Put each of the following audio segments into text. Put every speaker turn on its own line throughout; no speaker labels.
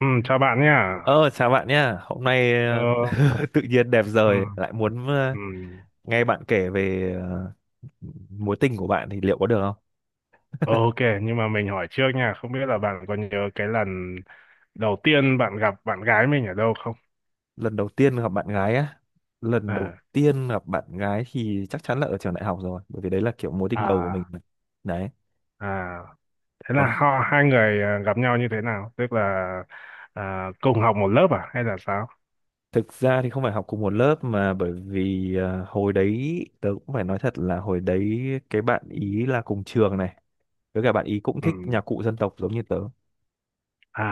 Ừ, chào bạn nha.
Ờ, Chào bạn nhá. Hôm nay
Ờ,
tự nhiên đẹp
ừ,
giời lại muốn
ừ.
nghe bạn kể về mối tình của bạn thì liệu có được không?
Ờ, OK, nhưng mà mình hỏi trước nha, không biết là bạn có nhớ cái lần đầu tiên bạn gặp bạn gái mình ở đâu không?
Lần đầu tiên gặp bạn gái á, lần đầu
Ờ,
tiên gặp bạn gái thì chắc chắn là ở trường đại học rồi, bởi vì đấy là kiểu mối tình đầu của mình.
à,
mà. Đấy.
à, thế
Còn
là
kh-
họ hai người à, gặp nhau như thế nào? Tức là à, cùng học một lớp à hay là sao?
Thực ra thì không phải học cùng một lớp mà bởi vì hồi đấy tớ cũng phải nói thật là hồi đấy cái bạn ý là cùng trường này, với cả bạn ý cũng
Ừ.
thích nhạc cụ dân tộc giống như tớ,
À,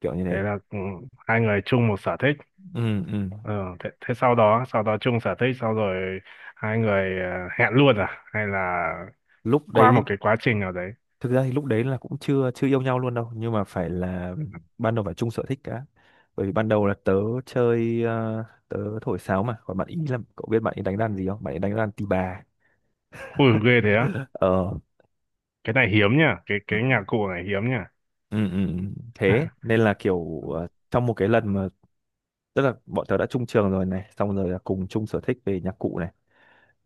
kiểu như
thế
thế.
là hai người chung một sở thích.
Ừ, ừ,
Ờ, thế sau đó chung sở thích, sau rồi hai người hẹn luôn à? Hay là
lúc
qua một
đấy
cái quá trình nào đấy?
thực ra thì lúc đấy là cũng chưa chưa yêu nhau luôn đâu, nhưng mà phải là ban đầu phải chung sở thích cả, bởi vì ban đầu là tớ chơi tớ thổi sáo, mà còn bạn ý, là cậu biết bạn ý đánh đàn gì không, bạn ý đánh đàn tỳ bà.
Ui ghê thế á.
Ờ,
Cái này hiếm nha, cái
ừ,
cái nhạc cụ này hiếm nha.
ừ, ừ. Thế nên là kiểu
Ừ.
trong một cái lần mà tức là bọn tớ đã chung trường rồi này, xong rồi là cùng chung sở thích về nhạc cụ này,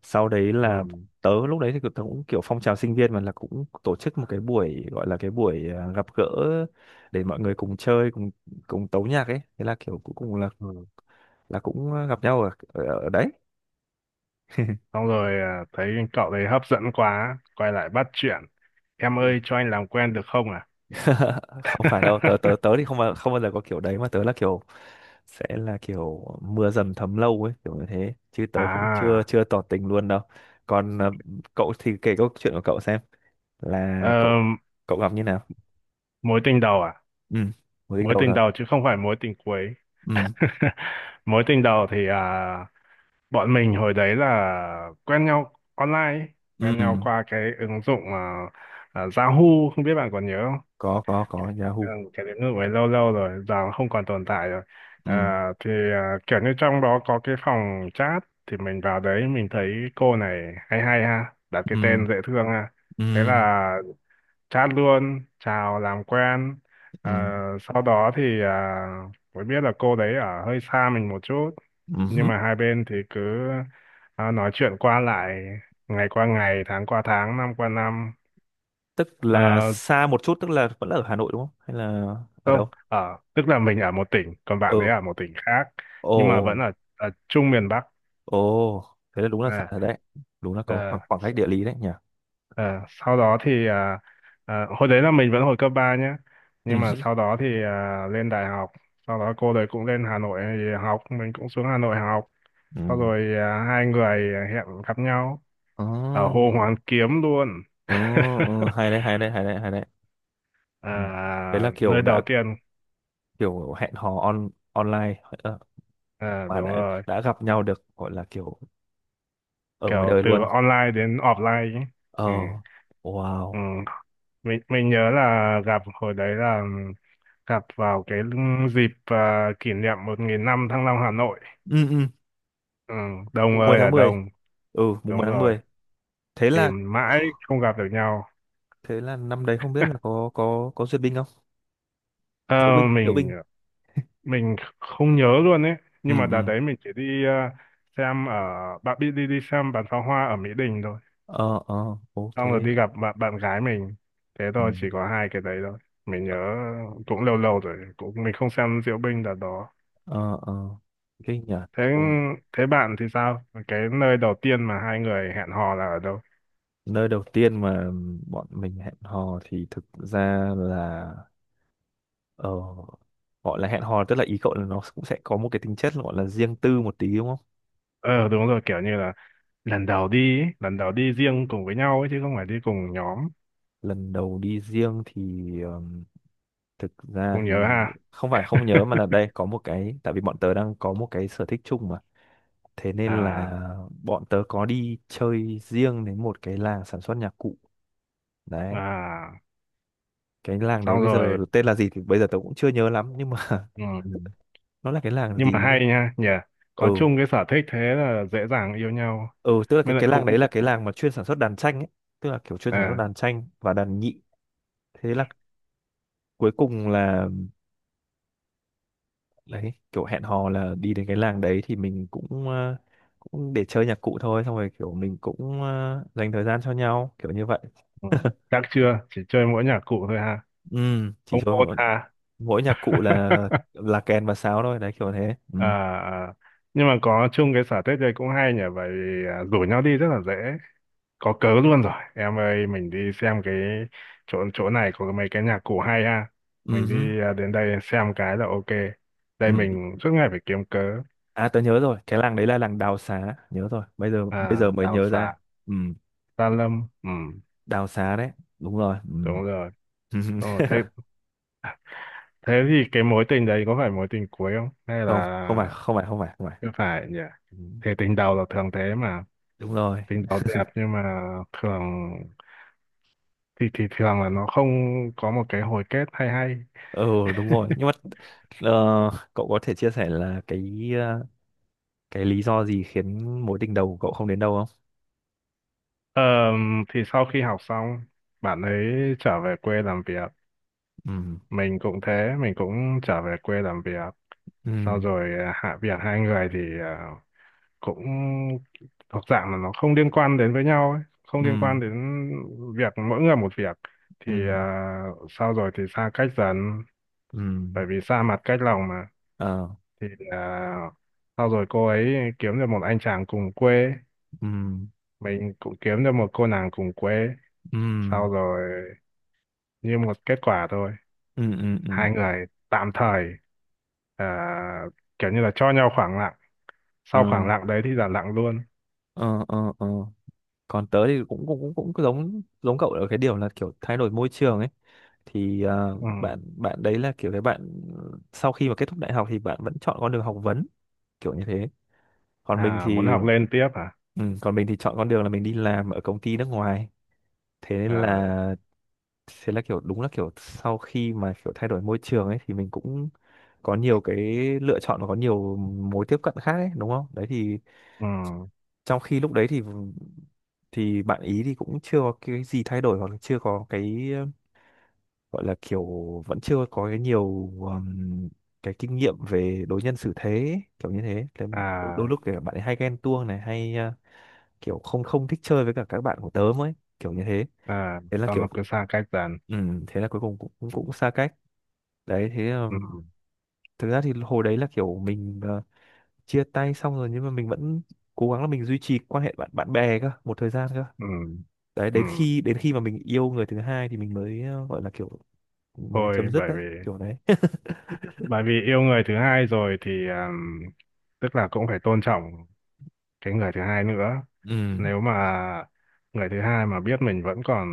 sau đấy
Ừ.
là tớ lúc đấy thì tớ cũng kiểu phong trào sinh viên mà, là cũng tổ chức một cái buổi, gọi là cái buổi gặp gỡ để mọi người cùng chơi cùng cùng tấu nhạc ấy, thế là kiểu cuối cùng
Ừ.
là cũng gặp nhau ở ở đấy.
Xong rồi à, thấy cậu đấy hấp dẫn quá, quay lại bắt chuyện. Em
Ừ.
ơi cho anh làm quen được không à?
Không phải đâu, tớ tớ tớ thì không bao giờ có kiểu đấy, mà tớ là kiểu sẽ là kiểu mưa dầm thấm lâu ấy, kiểu như thế, chứ tớ cũng chưa
À,
chưa tỏ tình luôn đâu. Còn cậu thì kể câu chuyện của cậu xem, là cậu
ờm,
cậu gặp như nào.
mối tình đầu à?
Ừ, mới đính
Mối
đầu
tình
thôi.
đầu chứ không phải mối tình cuối.
Ừ,
Mối tình đầu thì à, bọn mình hồi đấy là quen nhau online, ấy.
ừ,
Quen nhau qua cái ứng dụng à, Yahoo, không biết bạn còn nhớ.
có
Ừ,
Yahoo.
cái đến nước ấy lâu lâu rồi giờ nó không còn tồn tại rồi.
Ừ,
À, thì à, kiểu như trong đó có cái phòng chat thì mình vào đấy mình thấy cô này hay hay ha, đặt cái
ừ,
tên dễ thương ha, thế
ừ,
là chat luôn chào làm quen.
ừ,
Ờ, sau đó thì à, mới biết là cô đấy ở hơi xa mình một chút, nhưng
ừ,
mà hai bên thì cứ à, nói chuyện qua lại, ngày qua ngày, tháng qua tháng, năm qua năm.
tức là
Ờ,
xa một chút tức là vẫn là ở Hà Nội đúng không, hay là ở đâu?
Ờ, tức là mình ở một tỉnh, còn bạn ấy
Ừ,
ở một tỉnh khác,
ồ,
nhưng mà vẫn ở, chung miền Bắc.
ồ, thế là đúng là xa
À,
rồi đấy, đúng là có
ờ,
khoảng, khoảng
s-
cách địa lý đấy nhỉ.
ờ, sau đó thì à, à, hồi đấy là mình vẫn hồi cấp 3 nhé, nhưng mà
Ừ,
sau đó thì à, lên đại học, sau đó cô đấy cũng lên Hà Nội thì học, mình cũng xuống Hà Nội học,
ừ,
sau rồi à, hai người hẹn gặp nhau ở Hồ
ờ,
Hoàn Kiếm luôn.
ờ, ờ, hay đấy, hay đấy, hay đấy, hay đấy. Ừ. Đấy
À,
là kiểu
nơi
đã
đầu tiên
kiểu hẹn hò on online
à,
mà
đúng
đã
rồi,
đã gặp nhau, được gọi là kiểu ở ngoài
kiểu
đời
từ
luôn.
online đến offline ấy. Ừ.
Ờ,
Ừ.
wow.
Mình nhớ là gặp hồi đấy là gặp vào cái dịp à, kỷ niệm 1.000 năm Thăng Long Hà Nội.
Ừ, ừ,
Ừ, đông
mùng 10
ơi
tháng
là
10.
đông,
Ừ mùng 10
đúng
tháng
rồi,
mười. Thế là
tìm mãi không gặp được nhau.
thế là năm đấy không biết là có duyệt binh không,
Ờ,
diễu binh, diễu
mình
binh.
mình không nhớ luôn ấy,
Ừ,
nhưng mà đợt
ừ,
đấy mình chỉ đi à, xem ở, bạn biết đi đi xem bắn pháo hoa ở Mỹ Đình thôi,
ờ, ờ, ok.
xong rồi đi gặp bạn bạn gái mình, thế
Ừ,
thôi, chỉ có hai cái đấy thôi. Mình nhớ cũng lâu lâu rồi, cũng mình không xem diễu binh đợt đó.
ờ, ờ, kinh nhỉ.
thế
Ôi,
thế bạn thì sao, cái nơi đầu tiên mà hai người hẹn hò là ở đâu?
nơi đầu tiên mà bọn mình hẹn hò thì thực ra là ờ gọi là hẹn hò, tức là ý cậu là nó cũng sẽ có một cái tính chất gọi là riêng tư một tí đúng không,
Ờ đúng rồi, kiểu như là lần đầu đi ấy, lần đầu đi riêng cùng với nhau ấy, chứ không phải đi cùng nhóm,
lần đầu đi riêng thì thực ra
không nhớ
thì
ha.
không phải không nhớ, mà là đây có một cái, tại vì bọn tớ đang có một cái sở thích chung mà. Thế nên
à
là bọn tớ có đi chơi riêng đến một cái làng sản xuất nhạc cụ. Đấy,
à
cái làng đấy
xong
bây giờ
rồi,
tên là gì thì bây giờ tớ cũng chưa nhớ lắm, nhưng mà
ừ.
nó là cái làng
Nhưng
gì
mà
nhỉ?
hay nha nhỉ, có
Ừ,
chung cái sở thích thế là dễ dàng yêu nhau,
ừ, tức là
mới lại
cái làng
cũng
đấy là
dễ
cái làng mà chuyên sản xuất đàn tranh ấy, tức là kiểu chuyên sản xuất
à,
đàn tranh và đàn nhị. Thế là cuối cùng là đấy, kiểu hẹn hò là đi đến cái làng đấy, thì mình cũng cũng để chơi nhạc cụ thôi, xong rồi kiểu mình cũng dành thời gian cho nhau kiểu như vậy.
ừ. Chắc chưa chỉ chơi mỗi nhạc cụ thôi ha,
Ừ, chỉ
không hôn
thôi
ha.
mỗi nhạc cụ là kèn và sáo thôi đấy kiểu thế ừ.
à à Nhưng mà có chung cái sở thích đây cũng hay nhỉ, vậy vì, à, rủ nhau đi rất là dễ, có cớ luôn rồi, em ơi mình đi xem cái chỗ chỗ này có mấy cái nhạc cụ hay ha,
Ừ,
mình
hứ,
đi à, đến đây xem cái là OK. Đây
ừ.
mình suốt ngày phải kiếm cớ.
À tớ nhớ rồi, cái làng đấy là làng Đào Xá, nhớ rồi. Bây
À
giờ mới
Đào
nhớ ra.
Xà,
Ừ,
Sa Lâm, ừ
Đào Xá đấy, đúng rồi.
đúng rồi.
Ừ.
Đúng thế thế thì cái mối tình đấy có phải mối tình cuối không hay
Không, không phải,
là
không phải, không phải, không phải.
chưa phải nhỉ.
Ừ.
Thế tình đầu là thường thế mà,
Đúng rồi.
tính đó đẹp nhưng mà thường thì thường là nó không có một cái hồi kết hay hay.
Ừ, đúng rồi. Nhưng mà ờ, cậu có thể chia sẻ là cái cái lý do gì khiến mối tình đầu của cậu không đến đâu không?
Ờ, thì sau khi học xong bạn ấy trở về quê làm việc,
Ừ.
mình cũng thế, mình cũng trở về quê làm việc.
Ừ.
Sau rồi à, hạ việc hai người thì à, cũng thuộc dạng là nó không liên quan đến với nhau ấy, không
Ừ.
liên quan đến việc, mỗi người một việc thì
Ừ.
à, sau rồi thì xa cách dần,
Ừ.
bởi vì xa mặt cách lòng mà,
Ờ.
thì là sau rồi cô ấy kiếm được một anh chàng cùng quê,
Ừ.
mình cũng kiếm được một cô nàng cùng quê,
Ừ.
sau rồi như một kết quả thôi,
Ừ. Ừ. Ừ.
hai người tạm thời ờ, kiểu như là cho nhau khoảng lặng, sau khoảng
Ừ,
lặng đấy thì là lặng luôn.
ờ, ờ, ờ, còn tớ thì cũng cũng cũng cũng giống giống cậu ở cái điều là kiểu thay đổi môi trường ấy, thì
Ừ.
bạn bạn đấy là kiểu cái bạn sau khi mà kết thúc đại học thì bạn vẫn chọn con đường học vấn kiểu như thế, còn mình
À muốn
thì,
học lên tiếp à.
ừ, còn mình thì chọn con đường là mình đi làm ở công ty nước ngoài. Thế nên
Ờ,
là thế là kiểu đúng là kiểu sau khi mà kiểu thay đổi môi trường ấy thì mình cũng có nhiều cái lựa chọn và có nhiều mối tiếp cận khác ấy, đúng không, đấy thì
ừ.
trong khi lúc đấy thì bạn ý thì cũng chưa có cái gì thay đổi, hoặc là chưa có cái gọi là kiểu vẫn chưa có cái nhiều cái kinh nghiệm về đối nhân xử thế ấy, kiểu như thế. Thế đôi, đôi
à
lúc thì bạn ấy hay ghen tuông này, hay kiểu không không thích chơi với cả các bạn của tớ ấy kiểu như thế,
à
thế là
sau nó
kiểu
cứ xa cách dần.
thế là cuối cùng cũng cũng,
Ừ.
cũng xa cách. Đấy, thế
Ừ.
thực ra thì hồi đấy là kiểu mình chia tay xong rồi, nhưng mà mình vẫn cố gắng là mình duy trì quan hệ bạn bạn bè cơ một thời gian cơ.
Ừ.
Đấy,
Ừ.
đến khi mà mình yêu người thứ hai thì mình mới gọi là kiểu mới
Thôi
chấm dứt
bởi
đấy
vì
kiểu đấy.
bởi vì yêu người thứ hai rồi thì tức là cũng phải tôn trọng cái người thứ hai nữa.
Ừ,
Nếu mà người thứ hai mà biết mình vẫn còn,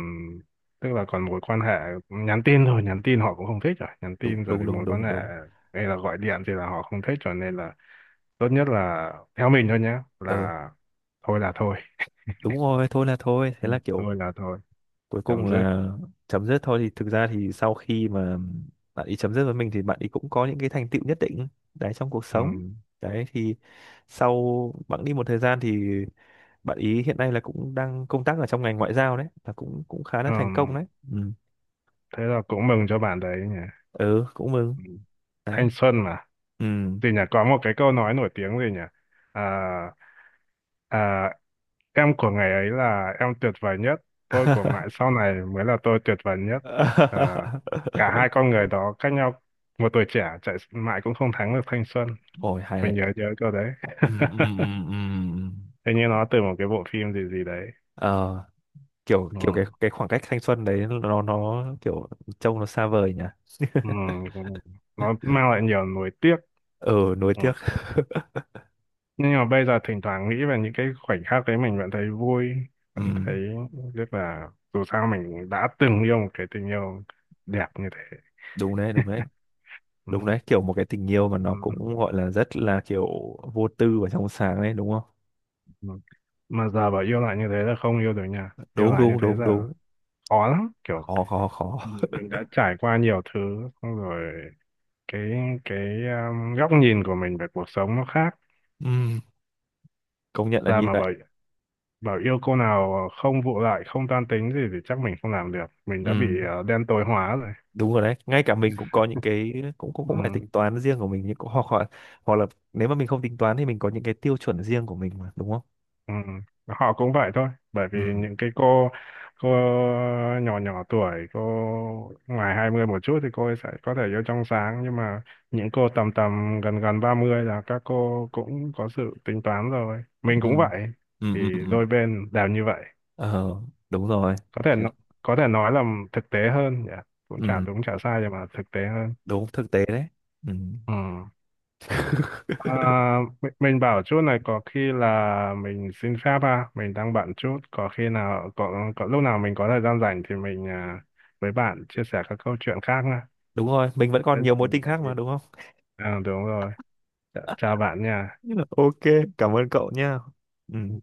tức là còn mối quan hệ nhắn tin thôi, nhắn tin họ cũng không thích rồi, nhắn
đúng,
tin rồi
đúng,
thì
đúng,
mối quan
đúng,
hệ
đúng.
hay là gọi điện thì là họ không thích, cho nên là tốt nhất là theo mình thôi nhé,
Ờ,
là thôi là thôi.
đúng rồi, thôi là thôi, thế
Ừ.
là kiểu
Thôi là thôi,
cuối cùng
chấm dứt,
là chấm dứt thôi. Thì thực ra thì sau khi mà bạn ấy chấm dứt với mình thì bạn ấy cũng có những cái thành tựu nhất định đấy trong cuộc
ừ.
sống. Đấy thì sau bạn đi một thời gian thì bạn ý hiện nay là cũng đang công tác ở trong ngành ngoại giao đấy, là cũng cũng khá là thành công
Ừm,
đấy. Ừ,
thế là cũng mừng cho bạn đấy nhỉ.
ừ cũng mừng
Ừ.
đấy.
Thanh xuân mà.
Ừ.
Thì nhỉ, có một cái câu nói nổi tiếng gì nhỉ? À, à, em của ngày ấy là em tuyệt vời nhất, tôi của mãi sau này mới là tôi tuyệt vời nhất. À, cả hai con người đó cách nhau một tuổi trẻ, chạy mãi cũng không thắng được thanh xuân.
Ôi hay đấy.
Mình nhớ nhớ câu đấy.
Ừ, ừ, ừ, ừ.
Hình như nó từ một cái bộ phim gì gì đấy.
Ờ, kiểu
Ừ.
kiểu cái khoảng cách thanh xuân đấy nó kiểu trông nó xa vời nhỉ.
Ừ. Ừ. Nó mang lại nhiều nuối tiếc.
Ừ, nuối
Ừ.
tiếc.
Nhưng mà bây giờ thỉnh thoảng nghĩ về những cái khoảnh khắc đấy mình vẫn thấy vui,
Ừ,
vẫn thấy, rất là dù sao mình đã từng yêu một cái tình yêu đẹp như thế,
đúng đấy, đúng đấy.
ừ.
Đúng đấy, kiểu một cái tình yêu mà
Ừ.
nó cũng gọi là rất là kiểu vô tư và trong sáng đấy, đúng không?
Ừ. Mà giờ bảo yêu lại như thế là không yêu được nha, yêu
Đúng,
lại như
đúng,
thế
đúng,
là
đúng.
khó lắm, kiểu
Khó, khó, khó.
mình đã trải qua nhiều thứ, xong rồi cái góc nhìn của mình về cuộc sống nó khác,
Ừ, công nhận là
ra
như
mà
vậy.
bảo bảo yêu cô nào không vụ lại, không toan tính gì thì chắc mình không làm được, mình đã bị
Ừ,
đen tối hóa rồi,
đúng rồi đấy, ngay cả mình cũng có những cái cũng cũng cũng phải
ừ.
tính toán riêng của mình, nhưng cũng hoặc hoặc hoặc là, nếu mà mình không tính toán thì mình có những cái tiêu chuẩn riêng của mình mà đúng không.
Ừ, họ cũng vậy thôi, bởi vì
Ừ,
những cái cô nhỏ nhỏ tuổi, cô ngoài 20 một chút thì cô ấy sẽ có thể yêu trong sáng, nhưng mà những cô tầm tầm gần gần 30 là các cô cũng có sự tính toán rồi, mình
ừ,
cũng vậy,
ừ,
thì
ừ, ừ,
đôi bên đều như vậy.
ờ, đúng rồi.
có thể
Thế,
nó- có thể nói là thực tế hơn nhỉ, cũng chả
ừ,
đúng chả sai nhưng mà thực tế hơn,
đúng thực tế đấy. Ừ,
ừ. À, mình bảo chút này có khi là mình xin phép ha, mình đang bận chút, có khi nào có lúc nào mình có thời gian rảnh thì mình à, với bạn chia sẻ các câu chuyện khác nha.
đúng rồi, mình vẫn
Thế
còn nhiều
dạo
mối
này
tình
là
khác
gì?
mà đúng không.
À, đúng rồi. Chào chào bạn nha.
Ok, cảm ơn cậu nha. Ừ.
Ừ.